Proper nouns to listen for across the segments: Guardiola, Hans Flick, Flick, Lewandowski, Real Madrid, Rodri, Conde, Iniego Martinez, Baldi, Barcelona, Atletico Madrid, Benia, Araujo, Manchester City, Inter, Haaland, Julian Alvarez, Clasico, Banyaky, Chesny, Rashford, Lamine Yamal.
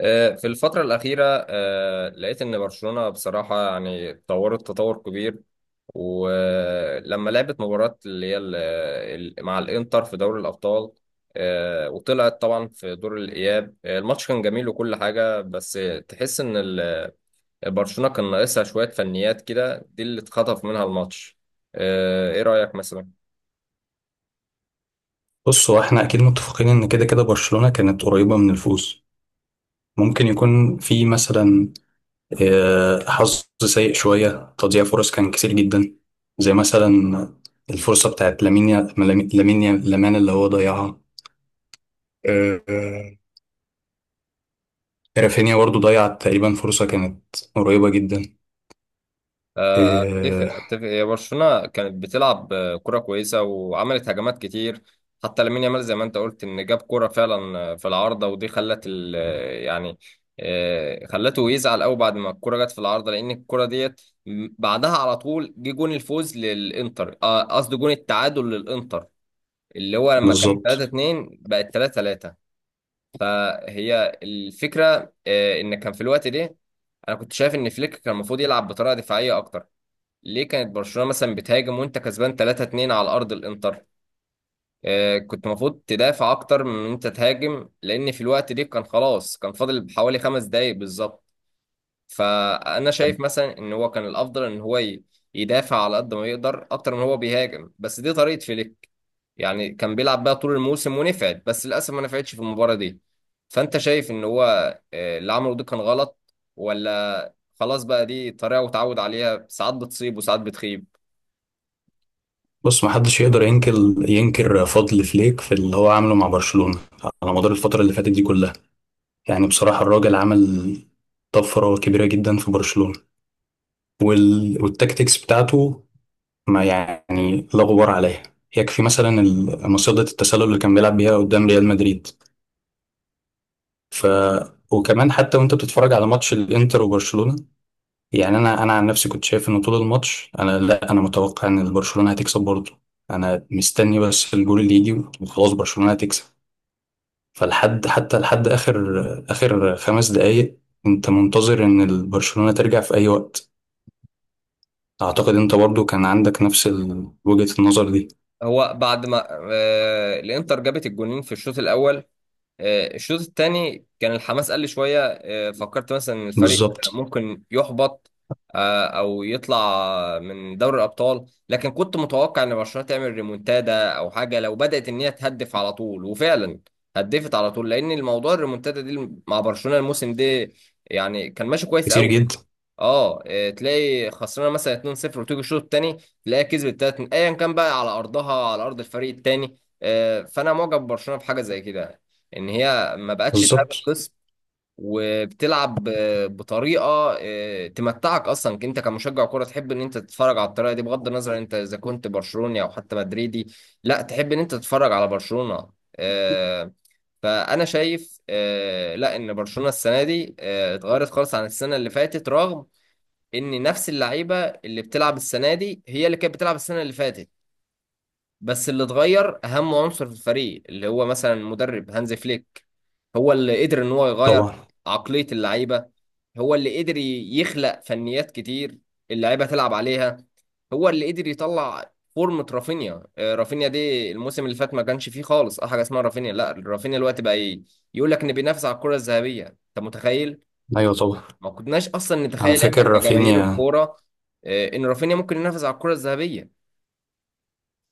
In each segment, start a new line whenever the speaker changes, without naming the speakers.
في الفترة الأخيرة لقيت إن برشلونة بصراحة يعني اتطورت تطور كبير. ولما لعبت مباراة اللي هي مع الإنتر في دوري الأبطال، وطلعت طبعا في دور الإياب. الماتش كان جميل وكل حاجة، بس تحس إن برشلونة كان ناقصها شوية فنيات كده، دي اللي اتخطف منها الماتش. إيه رأيك مثلا؟
بص، هو احنا اكيد متفقين ان كده كده برشلونة كانت قريبة من الفوز. ممكن يكون في مثلا حظ سيء شوية، تضييع فرص كان كتير جدا. زي مثلا الفرصة بتاعت لامين يا- لامين لامين يا- لامان اللي هو ضيعها. آه، آه، رافينيا برضو ضيع تقريبا فرصة كانت قريبة جدا.
اتفق
آه،
اتفق. هي برشلونه كانت بتلعب كره كويسه وعملت هجمات كتير. حتى لامين يامال، زي ما انت قلت، ان جاب كره فعلا في العارضه، ودي خلت ال آه، يعني آه، خلته يزعل قوي بعد ما الكره جت في العارضه، لان الكره ديت بعدها على طول جه جون الفوز للانتر. قصدي جون التعادل للانتر، اللي هو لما كان 3
بالظبط.
2 بقت 3-3. فهي الفكره ان كان في الوقت ده، انا كنت شايف ان فليك كان المفروض يلعب بطريقه دفاعيه اكتر. ليه كانت برشلونة مثلا بتهاجم وانت كسبان 3-2 على ارض الانتر؟ آه، كنت المفروض تدافع اكتر من ان انت تهاجم، لان في الوقت دي كان خلاص كان فاضل حوالي 5 دقايق بالظبط. فانا شايف مثلا ان هو كان الافضل ان هو يدافع على قد ما يقدر اكتر من هو بيهاجم، بس دي طريقة فليك. يعني كان بيلعب بيها طول الموسم ونفعت، بس للاسف ما نفعتش في المباراة دي. فانت شايف ان هو اللي عمله ده كان غلط، ولا خلاص بقى دي طريقة وتعود عليها، ساعات بتصيب وساعات بتخيب؟
بص، محدش يقدر ينكر فضل فليك في اللي هو عامله مع برشلونة على مدار الفترة اللي فاتت دي كلها. يعني بصراحة الراجل عمل طفرة كبيرة جدا في برشلونة، والتكتيكس بتاعته ما يعني لا غبار عليها. يكفي مثلا مصيدة التسلل اللي كان بيلعب بيها قدام ريال مدريد. ف وكمان، حتى وانت بتتفرج على ماتش الانتر وبرشلونة، يعني انا عن نفسي كنت شايف ان طول الماتش انا، لا، انا متوقع ان برشلونة هتكسب برضه. انا مستني بس الجول اللي يجي وخلاص برشلونة هتكسب. فلحد حتى لحد اخر 5 دقايق، انت منتظر ان البرشلونة ترجع في اي وقت. اعتقد انت برضو كان عندك نفس وجهة النظر دي.
هو بعد ما الانتر جابت الجونين في الشوط الاول، الشوط الثاني كان الحماس قل شويه. فكرت مثلا ان الفريق
بالظبط.
ممكن يحبط او يطلع من دوري الابطال، لكن كنت متوقع ان برشلونه تعمل ريمونتادا او حاجه لو بدات ان هي تهدف على طول. وفعلا هدفت على طول، لان الموضوع الريمونتادا دي مع برشلونه الموسم ده يعني كان ماشي كويس
كتير
قوي.
جدا.
اه إيه، تلاقي خسرانه مثلا 2-0، وتيجي الشوط الثاني تلاقيها كسبت 3 ايا كان، بقى على ارضها على ارض الفريق الثاني. فانا معجب ببرشلونه في حاجه زي كده، ان هي ما بقتش تهاب
بالظبط.
الخصم وبتلعب بطريقه تمتعك اصلا. انت كمشجع كوره تحب ان انت تتفرج على الطريقه دي، بغض النظر انت اذا كنت برشلوني او حتى مدريدي، لا تحب ان انت تتفرج على برشلونه. آه، فانا شايف لا ان برشلونه السنه دي اتغيرت خالص عن السنه اللي فاتت، رغم ان نفس اللعيبه اللي بتلعب السنه دي هي اللي كانت بتلعب السنه اللي فاتت. بس اللي اتغير اهم عنصر في الفريق، اللي هو مثلا المدرب هانز فليك. هو اللي قدر ان هو يغير
طبعا.
عقليه اللعيبه، هو اللي قدر يخلق فنيات كتير اللعيبه تلعب عليها، هو اللي قدر يطلع فورمة رافينيا. رافينيا دي الموسم اللي فات ما كانش فيه خالص اه حاجه اسمها رافينيا. لا، رافينيا الوقت بقى ايه، يقول لك ان بينافس على الكره الذهبيه، انت متخيل؟
ايوه طبعا.
ما كناش اصلا
انا
نتخيل احنا
فاكر
كجماهير
رافينيا.
الكوره ان رافينيا ممكن ينافس على الكره الذهبيه.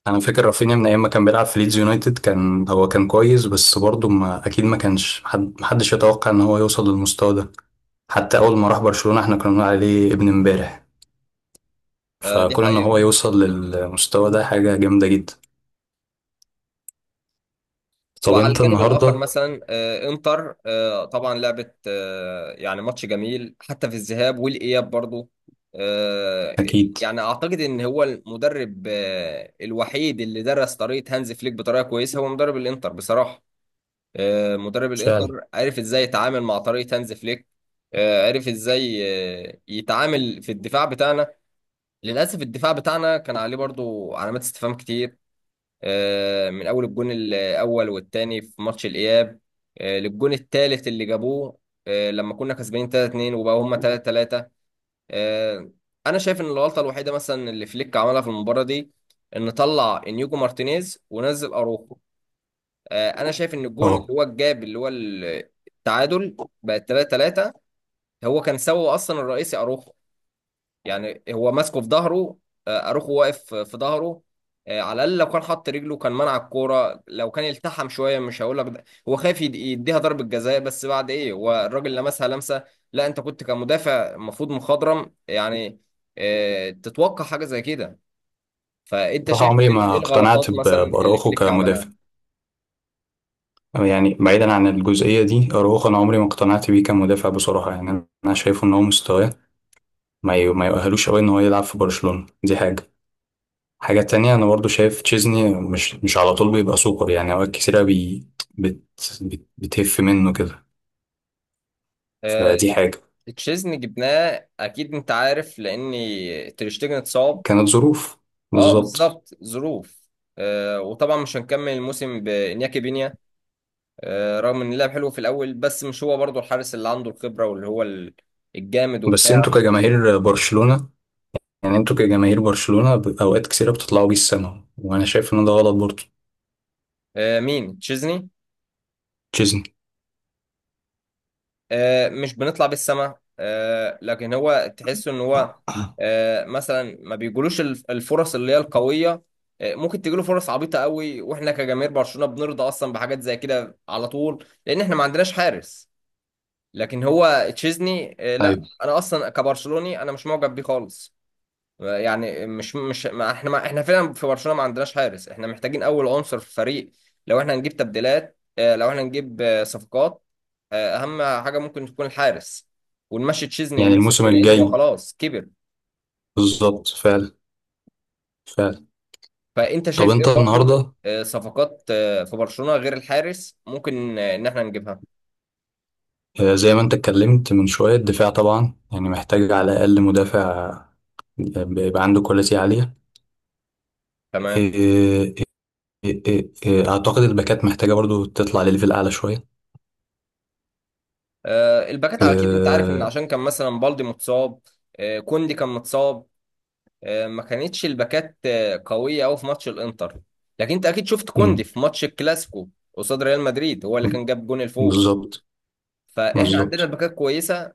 انا فاكر رافينيا من ايام ما كان بيلعب في ليدز يونايتد، كان هو كان كويس، بس برضو ما اكيد ما كانش حد محدش يتوقع ان هو يوصل للمستوى ده. حتى اول ما راح برشلونة احنا كنا بنقول عليه ابن امبارح.
دي
فكون ان هو
حقيقه.
يوصل للمستوى ده حاجة جامدة جدا. طب
وعلى
انت
الجانب الاخر
النهارده؟
مثلا انتر طبعا لعبت يعني ماتش جميل حتى في الذهاب والاياب برضو. آه،
اكيد.
يعني اعتقد ان هو المدرب الوحيد اللي درس طريقه هانز فليك بطريقه كويسه هو مدرب الانتر بصراحه. مدرب الانتر
فعلا.
عرف ازاي يتعامل مع طريقه هانز فليك. عرف ازاي يتعامل في الدفاع بتاعنا. للأسف الدفاع بتاعنا كان عليه برضو علامات استفهام كتير، من أول الجون الأول والتاني في ماتش الإياب، للجون التالت اللي جابوه لما كنا كسبانين 3-2 وبقوا هما 3-3. آه، أنا شايف إن الغلطة الوحيدة مثلا اللي فليك عملها في المباراة دي، إن طلع إنيجو مارتينيز ونزل أروخو. أنا شايف إن الجون اللي
اه.
هو الجاب اللي هو التعادل بقت 3-3، هو كان سببه أصلا الرئيسي أروخو. يعني هو ماسكه في ظهره، اروخو واقف في ظهره. على الاقل لو كان حط رجله كان منع الكوره، لو كان التحم شويه، مش هقول لك هو خايف يديها ضربه جزاء، بس بعد ايه؟ هو الراجل لمسها لمسه. لا، انت كنت كمدافع المفروض مخضرم، يعني تتوقع حاجه زي كده. فانت
بصراحه
شايف
عمري
ايه
ما
إيه الغلطات
اقتنعت
مثلا اللي
باراوخو
فليك عملها؟
كمدافع. يعني بعيدا عن الجزئيه دي اراوخو، انا عمري ما اقتنعت بيه كمدافع بصراحه يعني. انا شايف ان هو مستواه ما يؤهلوش قوي ان هو يلعب في برشلونه. دي حاجه. حاجه تانية، انا برضو شايف تشيزني مش على طول بيبقى سوبر. يعني اوقات كتيره بي بت بت بتهف منه كده.
آه،
فدي حاجه.
تشيزني جبناه اكيد، انت عارف، لان تريشتجن اتصاب.
كانت ظروف.
اه
بالظبط.
بالظبط، ظروف. وطبعا مش هنكمل الموسم بانياكي بينيا. رغم ان اللعب حلو في الاول، بس مش هو برضو الحارس اللي عنده الخبره واللي هو الجامد
بس
وبتاع.
انتوا كجماهير برشلونة اوقات كثيرة بتطلعوا بيه السما، وانا شايف ان ده غلط برضه.
آه، مين؟ تشيزني؟
تشيزني.
مش بنطلع بالسما، لكن هو تحس ان هو مثلا ما بيجولوش الفرص اللي هي القويه. ممكن تجيله فرص عبيطه قوي، واحنا كجماهير برشلونه بنرضى اصلا بحاجات زي كده على طول، لان احنا ما عندناش حارس. لكن هو تشيزني، لا
ايوه.
انا اصلا كبرشلوني انا مش معجب بيه خالص. يعني مش ما احنا فعلا في برشلونة ما عندناش حارس. احنا محتاجين اول عنصر في الفريق لو احنا هنجيب تبديلات، لو احنا هنجيب صفقات، اهم حاجة ممكن تكون الحارس. ونمشي تشيزني
يعني
الموسم
الموسم
ده لانه هو
الجاي.
خلاص كبر.
بالظبط. فعلا. فعلا.
فانت
طب
شايف ايه
انت
برضو
النهارده؟
صفقات في برشلونة غير الحارس ممكن ان احنا نجيبها؟
زي ما انت اتكلمت من شويه، الدفاع طبعا يعني محتاج على الاقل مدافع بيبقى عنده كواليتي عاليه. آه،
تمام.
آه، اعتقد الباكات محتاجه برضو تطلع لليفل اعلى شويه.
الباكات اكيد انت عارف، ان
آه،
عشان كان مثلا بالدي متصاب، كوندي كان متصاب، ما كانتش الباكات قوية أوي في ماتش الإنتر. لكن أنت أكيد شفت كوندي
مم،
في ماتش الكلاسيكو قصاد ريال مدريد، هو اللي كان جاب جون الفوز.
بالظبط.
فإحنا عندنا
بالظبط.
باكات كويسة،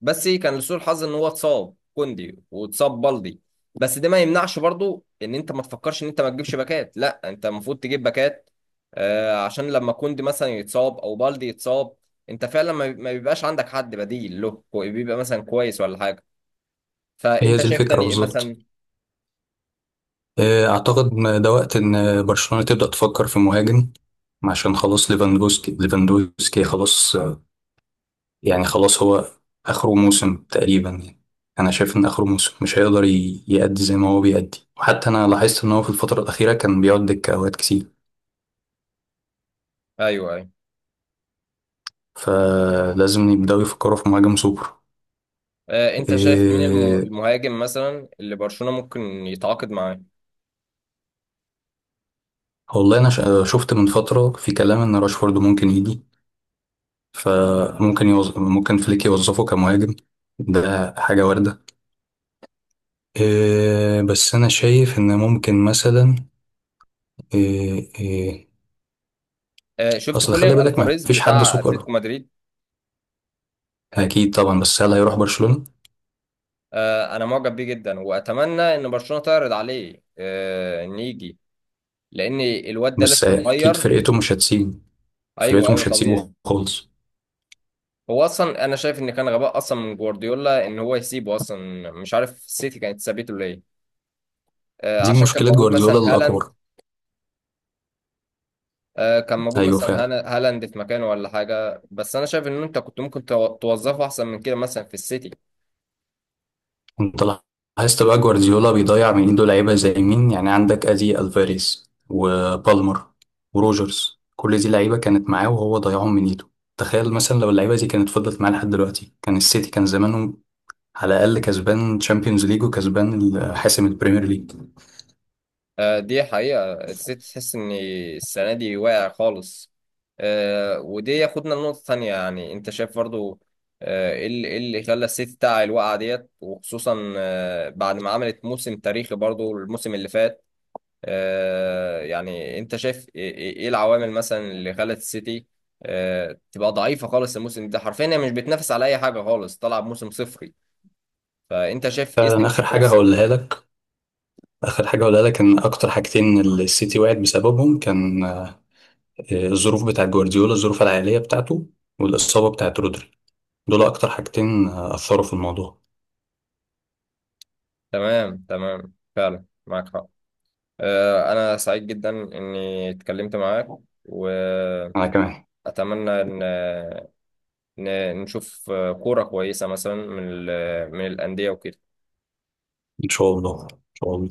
بس كان لسوء الحظ إن هو اتصاب كوندي واتصاب بالدي. بس ده ما يمنعش برضو إن أنت ما تفكرش إن أنت ما تجيبش باكات، لا أنت المفروض تجيب باكات، عشان لما كوندي مثلا يتصاب أو بالدي يتصاب، أنت فعلا ما بيبقاش عندك حد بديل له بيبقى مثلا كويس ولا حاجة.
هي
فأنت
دي
شايف
الفكره
تاني إيه مثلا؟
بالظبط. أعتقد إن ده وقت إن برشلونة تبدأ تفكر في مهاجم، عشان خلاص ليفاندوسكي، ليفاندوسكي خلاص. يعني خلاص هو آخره موسم تقريبا يعني. أنا شايف إن آخره موسم مش هيقدر يأدي زي ما هو بيأدي، وحتى أنا لاحظت إن هو في الفترة الأخيرة كان بيقعد دكة أوقات كتير.
أيوه، أيوه.
فلازم يبدأوا يفكروا في مهاجم سوبر.
انت شايف مين
إيه.
المهاجم مثلا اللي برشلونة ممكن يتعاقد معاه؟
والله، أنا شفت من فترة في كلام إن راشفورد ممكن يجي. ممكن فليك يوظفه كمهاجم. ده حاجة واردة. إيه، بس انا شايف ان ممكن مثلا. إيه إيه.
شفت
اصل خلي
خوليان
بالك ما
الفاريز
فيش حد
بتاع
سوبر.
اتلتيكو مدريد؟
اكيد طبعا، بس هل هيروح برشلونة؟
انا معجب بيه جدا واتمنى ان برشلونة تعرض عليه ان يجي، لان الواد ده
بس
لسه
اكيد
صغير.
فرقته مش هتسيبه.
ايوه،
فرقته
ايوه،
مش هتسيبه
طبيعي.
خالص.
هو اصلا انا شايف ان كان غباء اصلا من جوارديولا ان هو يسيبه اصلا، مش عارف السيتي كانت سابته ليه.
دي
عشان كان
مشكلة
موجود
جوارديولا
مثلا هالاند،
الاكبر.
كان موجود
ايوه
مثلا
فعلا.
هالاند في مكانه ولا حاجه، بس انا شايف ان انت كنت ممكن توظفه احسن من كده مثلا في السيتي.
انت لاحظت بقى جوارديولا بيضيع من ايده لعيبة زي مين؟ يعني عندك ادي الفاريز وبالمر وروجرز، كل دي لعيبة كانت معاه وهو ضيعهم من ايده. تخيل مثلا لو اللعيبة دي كانت فضلت معاه لحد دلوقتي، كان السيتي كان زمانه على الأقل كسبان تشامبيونز ليج وكسبان حاسم البريمير ليج.
دي حقيقة. السيتي تحس إن السنة دي واقع خالص. ودي ياخدنا لنقطة تانية. يعني أنت شايف برضو إيه اللي إيه اللي خلى السيتي بتاع الوقعة ديت، وخصوصا بعد ما عملت موسم تاريخي برضو الموسم اللي فات. يعني أنت شايف إيه إيه العوامل مثلا اللي خلت السيتي تبقى ضعيفة خالص الموسم ده؟ حرفيا هي مش بتنافس على أي حاجة خالص، طالعة بموسم صفري. فأنت شايف إيه
فعلا.
سبب السيتي؟
آخر حاجة هقولها لك إن أكتر حاجتين السيتي وقعت بسببهم كان الظروف بتاعة جوارديولا، الظروف العائلية بتاعته، والإصابة بتاعة رودري. دول أكتر حاجتين أثروا في الموضوع.
تمام، تمام، فعلا معاك حق. أنا سعيد جدا إني اتكلمت معاك، وأتمنى
أنا كمان.
إن نشوف كورة كويسة مثلا من من الأندية وكده.
إن شاء الله إن شاء الله.